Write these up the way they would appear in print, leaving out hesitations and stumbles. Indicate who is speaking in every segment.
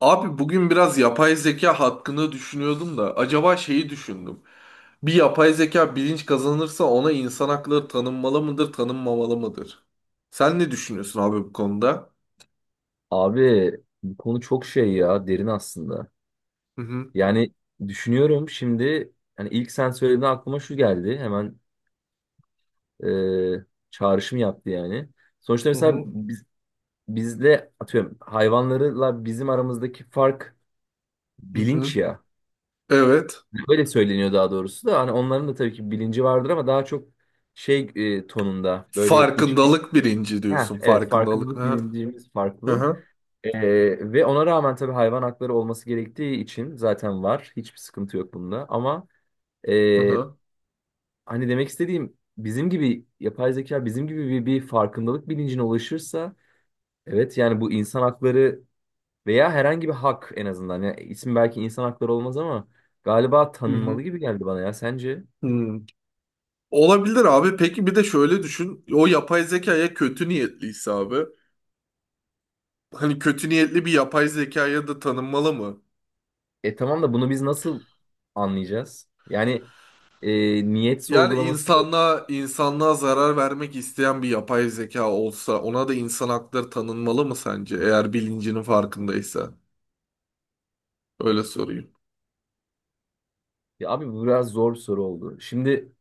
Speaker 1: Abi bugün biraz yapay zeka hakkında düşünüyordum da acaba şeyi düşündüm. Bir yapay zeka bilinç kazanırsa ona insan hakları tanınmalı mıdır, tanınmamalı mıdır? Sen ne düşünüyorsun abi bu konuda?
Speaker 2: Abi bu konu çok şey ya derin aslında.
Speaker 1: Hı hı,
Speaker 2: Yani düşünüyorum şimdi hani ilk sen söylediğinde aklıma şu geldi. Hemen e, çağrışım yaptı yani. Sonuçta
Speaker 1: hı
Speaker 2: mesela
Speaker 1: hı.
Speaker 2: biz, bizle atıyorum hayvanlarla bizim aramızdaki fark
Speaker 1: hı hı.
Speaker 2: bilinç ya.
Speaker 1: Evet.
Speaker 2: Öyle söyleniyor daha doğrusu da hani onların da tabii ki bilinci vardır ama daha çok şey tonunda böyle iç.
Speaker 1: Farkındalık birinci
Speaker 2: Heh,
Speaker 1: diyorsun.
Speaker 2: evet
Speaker 1: Farkındalık. Hı
Speaker 2: farkındalık
Speaker 1: hı,
Speaker 2: bilincimiz
Speaker 1: hı
Speaker 2: farklı.
Speaker 1: hı,
Speaker 2: Ve ona rağmen tabii hayvan hakları olması gerektiği için zaten var. Hiçbir sıkıntı yok bunda. Ama e,
Speaker 1: hı hı.
Speaker 2: hani demek istediğim bizim gibi yapay zeka bizim gibi bir farkındalık bilincine ulaşırsa evet yani bu insan hakları veya herhangi bir hak en azından. Yani isim belki insan hakları olmaz ama galiba
Speaker 1: Hı
Speaker 2: tanınmalı
Speaker 1: hı.
Speaker 2: gibi geldi bana ya sence?
Speaker 1: Hı. Olabilir abi. Peki bir de şöyle düşün. O yapay zekaya kötü niyetliyse abi. Hani kötü niyetli bir yapay zekaya da tanınmalı mı?
Speaker 2: E tamam da bunu biz nasıl anlayacağız? Yani e, niyet
Speaker 1: Yani
Speaker 2: sorgulaması.
Speaker 1: insanlığa zarar vermek isteyen bir yapay zeka olsa ona da insan hakları tanınmalı mı sence? Eğer bilincinin farkındaysa. Öyle sorayım.
Speaker 2: Ya abi bu biraz zor bir soru oldu. Şimdi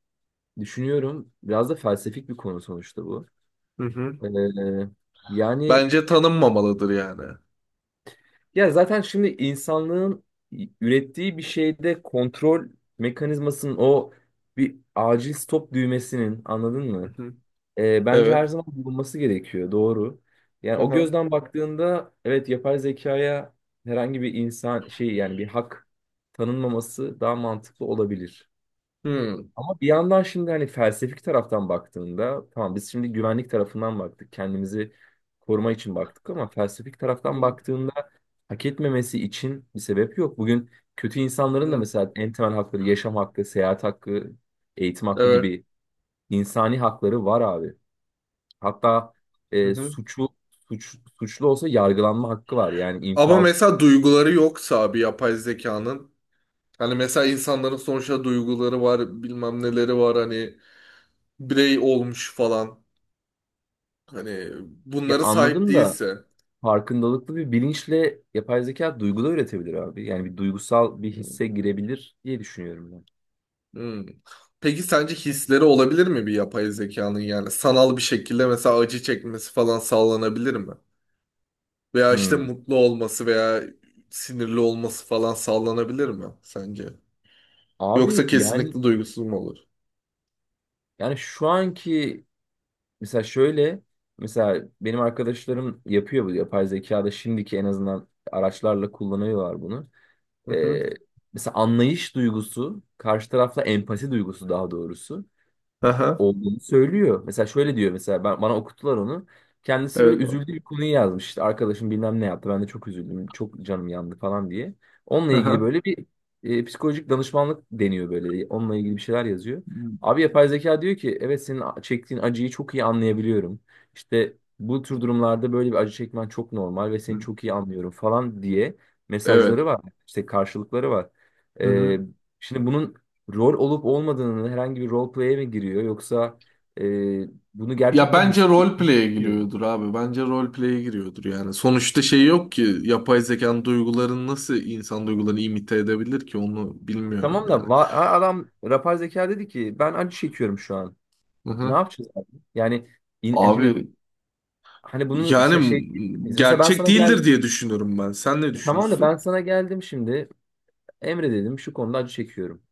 Speaker 2: düşünüyorum. Biraz da felsefik bir konu sonuçta bu.
Speaker 1: Hı hı.
Speaker 2: Ee, Yani
Speaker 1: Bence tanınmamalıdır yani.
Speaker 2: ya zaten şimdi insanlığın ürettiği bir şeyde kontrol mekanizmasının o bir acil stop düğmesinin anladın
Speaker 1: Hı
Speaker 2: mı?
Speaker 1: hı.
Speaker 2: Bence
Speaker 1: Evet.
Speaker 2: her zaman bulunması gerekiyor. Doğru. Yani
Speaker 1: Hı
Speaker 2: o
Speaker 1: hı.
Speaker 2: gözden baktığında evet yapay zekaya herhangi bir insan şey yani bir hak tanınmaması daha mantıklı olabilir.
Speaker 1: Hı.
Speaker 2: Ama bir yandan şimdi hani felsefik taraftan baktığında tamam biz şimdi güvenlik tarafından baktık. Kendimizi koruma için baktık ama felsefik taraftan
Speaker 1: Hı
Speaker 2: baktığında hak etmemesi için bir sebep yok. Bugün kötü insanların da
Speaker 1: hı.
Speaker 2: mesela en temel hakları yaşam hakkı, seyahat hakkı, eğitim hakkı
Speaker 1: Evet.
Speaker 2: gibi insani hakları var abi. Hatta
Speaker 1: Hı
Speaker 2: e,
Speaker 1: hı.
Speaker 2: suçu suçlu olsa yargılanma hakkı var. Yani
Speaker 1: Ama
Speaker 2: infaz.
Speaker 1: mesela duyguları yoksa bir yapay zekanın, hani mesela insanların sonuçta duyguları var, bilmem neleri var, hani birey olmuş falan. Hani
Speaker 2: Ya
Speaker 1: bunları sahip
Speaker 2: anladım da
Speaker 1: değilse.
Speaker 2: farkındalıklı bir bilinçle yapay zeka duygu da üretebilir abi. Yani bir duygusal bir hisse girebilir diye düşünüyorum ben.
Speaker 1: Hmm. Peki sence hisleri olabilir mi bir yapay zekanın, yani sanal bir şekilde mesela acı çekmesi falan sağlanabilir mi? Veya işte
Speaker 2: Hmm.
Speaker 1: mutlu olması veya sinirli olması falan sağlanabilir mi sence? Yoksa
Speaker 2: Abi yani
Speaker 1: kesinlikle duygusuz mu olur?
Speaker 2: yani şu anki, mesela şöyle, mesela benim arkadaşlarım yapıyor bu yapay zekada şimdiki en azından araçlarla kullanıyorlar bunu.
Speaker 1: Hı
Speaker 2: Ee,
Speaker 1: hı.
Speaker 2: Mesela anlayış duygusu, karşı tarafla empati duygusu daha doğrusu
Speaker 1: Aha.
Speaker 2: olduğunu söylüyor. Mesela şöyle diyor, mesela ben, bana okuttular onu. Kendisi böyle
Speaker 1: Evet abi.
Speaker 2: üzüldüğü bir konuyu yazmış. İşte arkadaşım bilmem ne yaptı. Ben de çok üzüldüm. Çok canım yandı falan diye. Onunla ilgili
Speaker 1: Aha.
Speaker 2: böyle bir psikolojik danışmanlık deniyor böyle. Onunla ilgili bir şeyler yazıyor.
Speaker 1: Hı hı.
Speaker 2: Abi yapay zeka diyor ki evet senin çektiğin acıyı çok iyi anlayabiliyorum. İşte bu tür durumlarda böyle bir acı çekmen çok normal ve seni
Speaker 1: Hmm.
Speaker 2: çok iyi anlıyorum falan diye
Speaker 1: Evet.
Speaker 2: mesajları var. İşte karşılıkları var.
Speaker 1: Hı
Speaker 2: E,
Speaker 1: hı.
Speaker 2: Şimdi bunun rol olup olmadığını, herhangi bir role play'e mi giriyor yoksa e, bunu
Speaker 1: Ya
Speaker 2: gerçekten
Speaker 1: bence
Speaker 2: hissediyor mu?
Speaker 1: roleplay'e
Speaker 2: Bilmiyorum.
Speaker 1: giriyordur abi. Bence roleplay'e giriyordur yani. Sonuçta şey yok ki, yapay zekanın duygularını nasıl insan duygularını imite edebilir ki, onu
Speaker 2: E,
Speaker 1: bilmiyorum
Speaker 2: tamam
Speaker 1: yani.
Speaker 2: da ha, adam yapay zeka dedi ki ben acı çekiyorum şu an.
Speaker 1: Hı
Speaker 2: Ne
Speaker 1: hı.
Speaker 2: yapacağız abi? Yani yani şimdi
Speaker 1: Abi
Speaker 2: hani bunu mesela şey
Speaker 1: yani
Speaker 2: diyebiliriz. Mesela ben
Speaker 1: gerçek
Speaker 2: sana
Speaker 1: değildir
Speaker 2: geldim.
Speaker 1: diye düşünüyorum ben. Sen ne
Speaker 2: E, tamam da ben
Speaker 1: düşünürsün?
Speaker 2: sana geldim şimdi, Emre dedim şu konuda acı çekiyorum.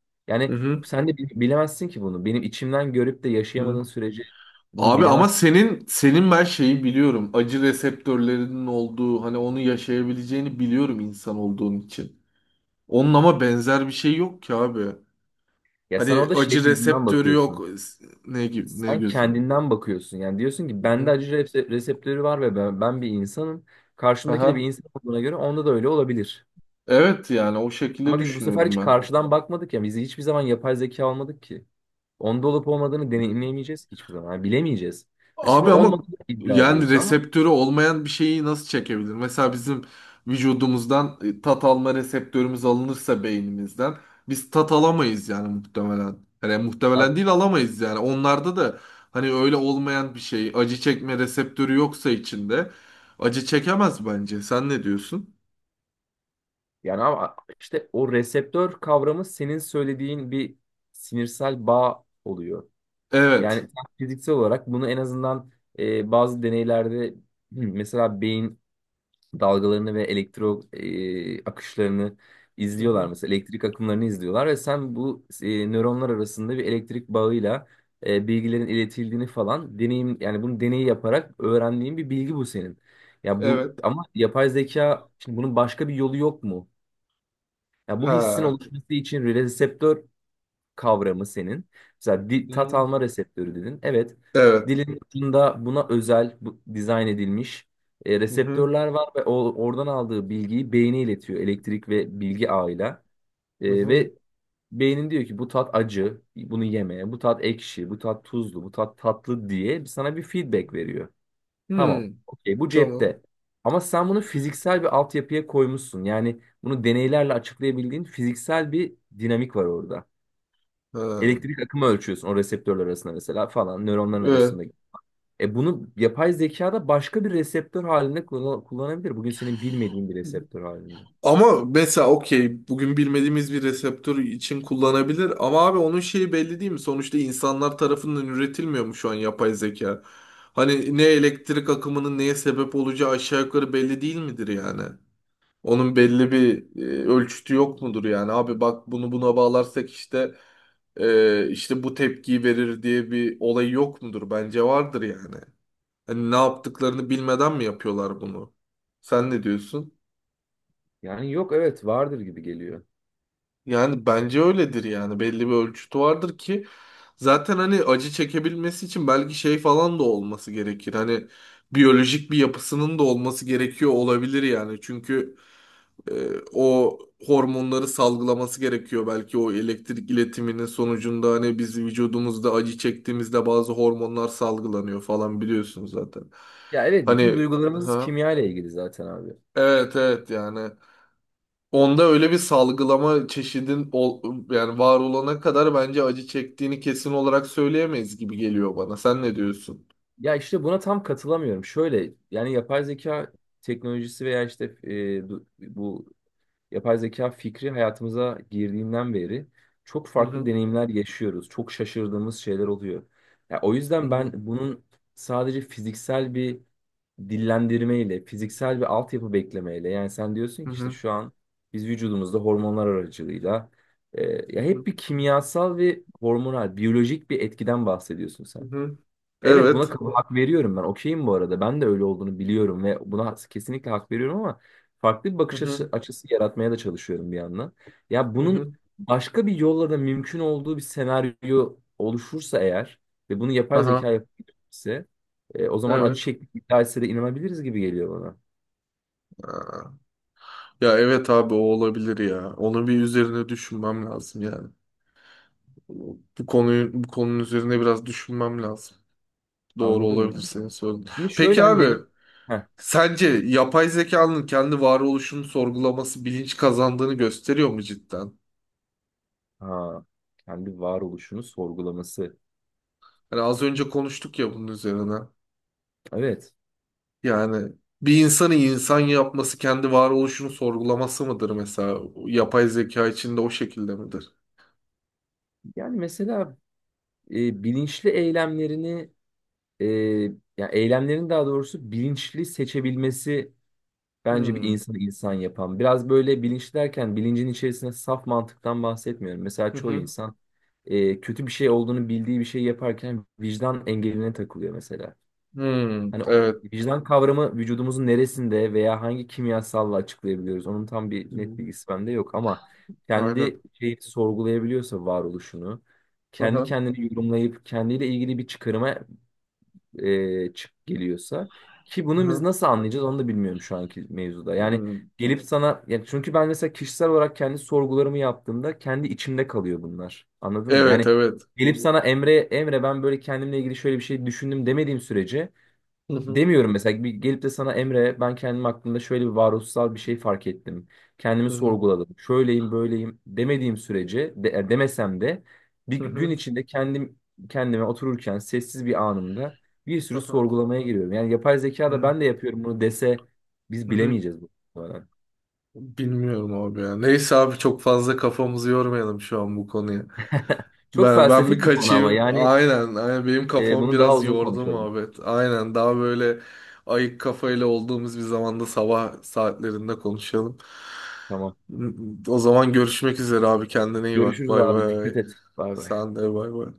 Speaker 1: Hı
Speaker 2: Yani
Speaker 1: hı.
Speaker 2: sen de bilemezsin ki bunu. Benim içimden görüp de
Speaker 1: hı.
Speaker 2: yaşayamadığın sürece bunu
Speaker 1: Abi ama
Speaker 2: bilemezsin.
Speaker 1: senin ben şeyi biliyorum. Acı reseptörlerinin olduğu, hani onu yaşayabileceğini biliyorum insan olduğun için. Onun ama benzer bir şey yok ki abi.
Speaker 2: Ya sen
Speaker 1: Hani
Speaker 2: orada şey
Speaker 1: acı
Speaker 2: gözünden
Speaker 1: reseptörü yok.
Speaker 2: bakıyorsun,
Speaker 1: Ne gibi, ne
Speaker 2: sen
Speaker 1: gözünde.
Speaker 2: kendinden bakıyorsun. Yani diyorsun ki
Speaker 1: Hı
Speaker 2: bende
Speaker 1: hı.
Speaker 2: acı reseptörü var ve ben bir insanım. Karşımdaki de bir
Speaker 1: Aha.
Speaker 2: insan olduğuna göre onda da öyle olabilir.
Speaker 1: Evet yani o şekilde
Speaker 2: Ama biz bu sefer
Speaker 1: düşünüyorum
Speaker 2: hiç karşıdan bakmadık ya. Biz hiçbir zaman yapay zeka almadık ki. Onda olup olmadığını
Speaker 1: ben.
Speaker 2: deneyimleyemeyeceğiz ki hiçbir zaman. Yani bilemeyeceğiz. Ya şimdi
Speaker 1: Abi ama
Speaker 2: olmadığını iddia
Speaker 1: yani
Speaker 2: ediyoruz ama
Speaker 1: reseptörü olmayan bir şeyi nasıl çekebilir? Mesela bizim vücudumuzdan tat alma reseptörümüz alınırsa beynimizden biz tat alamayız yani muhtemelen. Yani muhtemelen
Speaker 2: ya-
Speaker 1: değil, alamayız yani. Onlarda da hani öyle olmayan bir şey, acı çekme reseptörü yoksa içinde acı çekemez bence. Sen ne diyorsun?
Speaker 2: yani ama işte o reseptör kavramı senin söylediğin bir sinirsel bağ oluyor. Yani
Speaker 1: Evet.
Speaker 2: sen fiziksel olarak bunu en azından bazı deneylerde. Hı, mesela beyin dalgalarını ve elektro akışlarını
Speaker 1: Hı
Speaker 2: izliyorlar,
Speaker 1: hı.
Speaker 2: mesela elektrik akımlarını izliyorlar ve sen bu nöronlar arasında bir elektrik bağıyla bilgilerin iletildiğini falan deneyim, yani bunu deneyi yaparak öğrendiğin bir bilgi bu senin. Ya bu
Speaker 1: Evet.
Speaker 2: ama yapay zeka, şimdi bunun başka bir yolu yok mu? Ya bu hissin
Speaker 1: Ha.
Speaker 2: oluşması için reseptör kavramı senin. Mesela
Speaker 1: Hı
Speaker 2: tat
Speaker 1: hı.
Speaker 2: alma reseptörü dedin. Evet,
Speaker 1: Evet.
Speaker 2: dilin ucunda buna özel bu, dizayn edilmiş
Speaker 1: Hı hı.
Speaker 2: reseptörler var ve o, oradan aldığı bilgiyi beyne iletiyor elektrik ve bilgi ağıyla.
Speaker 1: Hı hı.
Speaker 2: Ve beynin diyor ki bu tat acı, bunu yeme, bu tat ekşi, bu tat tuzlu, bu tat tatlı diye sana bir feedback veriyor. Tamam,
Speaker 1: Hmm.
Speaker 2: okey bu
Speaker 1: Tamam.
Speaker 2: cepte. Ama sen bunu fiziksel bir altyapıya koymuşsun. Yani bunu deneylerle açıklayabildiğin fiziksel bir dinamik var orada.
Speaker 1: Ha.
Speaker 2: Elektrik akımı ölçüyorsun o reseptörler arasında mesela, falan nöronların
Speaker 1: Evet.
Speaker 2: arasında. E bunu yapay zekada başka bir reseptör halinde kullanabilir. Bugün senin bilmediğin bir reseptör halinde.
Speaker 1: Ama mesela okey, bugün bilmediğimiz bir reseptör için kullanabilir ama abi onun şeyi belli değil mi? Sonuçta insanlar tarafından üretilmiyor mu şu an yapay zeka? Hani ne elektrik akımının neye sebep olacağı aşağı yukarı belli değil midir yani? Onun belli bir ölçütü yok mudur yani? Abi bak, bunu buna bağlarsak işte işte bu tepkiyi verir diye bir olay yok mudur? Bence vardır yani. Hani ne yaptıklarını bilmeden mi yapıyorlar bunu? Sen ne diyorsun?
Speaker 2: Yani yok, evet vardır gibi geliyor.
Speaker 1: Yani bence öyledir yani, belli bir ölçütü vardır ki zaten, hani acı çekebilmesi için belki şey falan da olması gerekir. Hani biyolojik bir yapısının da olması gerekiyor olabilir yani. Çünkü e, o hormonları salgılaması gerekiyor belki o elektrik iletiminin sonucunda, hani biz vücudumuzda acı çektiğimizde bazı hormonlar salgılanıyor falan, biliyorsunuz zaten.
Speaker 2: Ya evet, bütün
Speaker 1: Hani
Speaker 2: duygularımız
Speaker 1: ha,
Speaker 2: kimya ile ilgili zaten abi.
Speaker 1: evet evet yani. Onda öyle bir salgılama yani var olana kadar bence acı çektiğini kesin olarak söyleyemeyiz gibi geliyor bana. Sen ne diyorsun?
Speaker 2: Ya işte buna tam katılamıyorum. Şöyle, yani yapay zeka teknolojisi veya işte bu yapay zeka fikri hayatımıza girdiğinden beri çok
Speaker 1: Hı
Speaker 2: farklı
Speaker 1: hı,
Speaker 2: deneyimler yaşıyoruz. Çok şaşırdığımız şeyler oluyor. Ya o
Speaker 1: hı
Speaker 2: yüzden ben
Speaker 1: hı,
Speaker 2: bunun sadece fiziksel bir dillendirmeyle, fiziksel bir altyapı beklemeyle, yani sen diyorsun
Speaker 1: hı
Speaker 2: ki işte
Speaker 1: hı,
Speaker 2: şu an biz vücudumuzda hormonlar aracılığıyla e, ya
Speaker 1: hı hı.
Speaker 2: hep bir kimyasal ve hormonal, biyolojik bir etkiden bahsediyorsun
Speaker 1: hı
Speaker 2: sen.
Speaker 1: hı.
Speaker 2: Evet buna
Speaker 1: Evet.
Speaker 2: hak veriyorum ben. Okeyim bu arada. Ben de öyle olduğunu biliyorum ve buna kesinlikle hak veriyorum ama farklı bir
Speaker 1: Hı
Speaker 2: bakış
Speaker 1: hı,
Speaker 2: açısı yaratmaya da çalışıyorum bir yandan. Ya
Speaker 1: hı
Speaker 2: bunun
Speaker 1: hı.
Speaker 2: başka bir yolla da mümkün olduğu bir senaryo oluşursa eğer ve bunu yapay
Speaker 1: Aha,
Speaker 2: zeka yapabilirse o zaman acı
Speaker 1: evet.
Speaker 2: çekmek iddia de inanabiliriz gibi geliyor bana.
Speaker 1: Ya evet abi, o olabilir ya. Onun bir üzerine düşünmem lazım yani. Bu konunun üzerine biraz düşünmem lazım. Doğru
Speaker 2: Anladın mı?
Speaker 1: olabilir senin söylediğin.
Speaker 2: Şimdi şöyle
Speaker 1: Peki
Speaker 2: hani
Speaker 1: abi,
Speaker 2: deney... Heh,
Speaker 1: sence yapay zekanın kendi varoluşunu sorgulaması bilinç kazandığını gösteriyor mu cidden?
Speaker 2: ha, kendi varoluşunu sorgulaması.
Speaker 1: Hani az önce konuştuk ya bunun üzerine.
Speaker 2: Evet.
Speaker 1: Yani bir insanı insan yapması kendi varoluşunu sorgulaması mıdır mesela? Yapay zeka içinde o şekilde midir?
Speaker 2: Yani mesela bilinçli eylemlerini e, ya eylemlerin daha doğrusu bilinçli seçebilmesi bence bir
Speaker 1: Hmm.
Speaker 2: insanı insan yapan. Biraz böyle bilinçli derken bilincin içerisine saf mantıktan bahsetmiyorum. Mesela
Speaker 1: Hı
Speaker 2: çoğu
Speaker 1: hı.
Speaker 2: insan kötü bir şey olduğunu bildiği bir şey yaparken vicdan engeline takılıyor mesela.
Speaker 1: Hmm.
Speaker 2: Hani o
Speaker 1: Evet.
Speaker 2: vicdan kavramı vücudumuzun neresinde veya hangi kimyasalla açıklayabiliyoruz? Onun tam
Speaker 1: Hı
Speaker 2: bir
Speaker 1: hı.
Speaker 2: net bilgisi bende yok ama
Speaker 1: Aynen.
Speaker 2: kendi şeyi sorgulayabiliyorsa varoluşunu,
Speaker 1: Hı
Speaker 2: kendi
Speaker 1: hı.
Speaker 2: kendini yorumlayıp kendiyle ilgili bir çıkarıma e, çık geliyorsa ki
Speaker 1: Hı
Speaker 2: bunu biz
Speaker 1: hı.
Speaker 2: nasıl anlayacağız onu da bilmiyorum şu anki mevzuda. Yani
Speaker 1: Hmm.
Speaker 2: gelip sana, yani çünkü ben mesela kişisel olarak kendi sorgularımı yaptığımda kendi içimde kalıyor bunlar. Anladın mı?
Speaker 1: Evet,
Speaker 2: Yani
Speaker 1: evet.
Speaker 2: gelip sana Emre, ben böyle kendimle ilgili şöyle bir şey düşündüm demediğim sürece
Speaker 1: Hı hı.
Speaker 2: demiyorum, mesela bir gelip de sana Emre ben kendim hakkında şöyle bir varoluşsal bir şey fark ettim. Kendimi
Speaker 1: Hı hı.
Speaker 2: sorguladım. Şöyleyim böyleyim demediğim sürece de, demesem de bir
Speaker 1: Hı
Speaker 2: gün
Speaker 1: hı.
Speaker 2: içinde kendim kendime otururken sessiz bir anımda bir sürü
Speaker 1: Hı
Speaker 2: sorgulamaya giriyorum. Yani yapay zeka da
Speaker 1: hı.
Speaker 2: ben de yapıyorum bunu dese biz
Speaker 1: Hı hı.
Speaker 2: bilemeyeceğiz bu arada.
Speaker 1: Bilmiyorum abi ya. Neyse abi, çok fazla kafamızı yormayalım şu an bu konuya.
Speaker 2: Çok
Speaker 1: Ben bir
Speaker 2: felsefik bir konu ama
Speaker 1: kaçayım.
Speaker 2: yani
Speaker 1: Aynen, aynen. Benim kafam
Speaker 2: bunu daha
Speaker 1: biraz
Speaker 2: uzun
Speaker 1: yordu
Speaker 2: konuşalım.
Speaker 1: muhabbet. Aynen. Daha böyle ayık kafayla olduğumuz bir zamanda, sabah saatlerinde konuşalım.
Speaker 2: Tamam.
Speaker 1: O zaman görüşmek üzere abi. Kendine iyi bak.
Speaker 2: Görüşürüz
Speaker 1: Bay
Speaker 2: abi,
Speaker 1: bay.
Speaker 2: dikkat et. Bay bay.
Speaker 1: Sen de bay bay.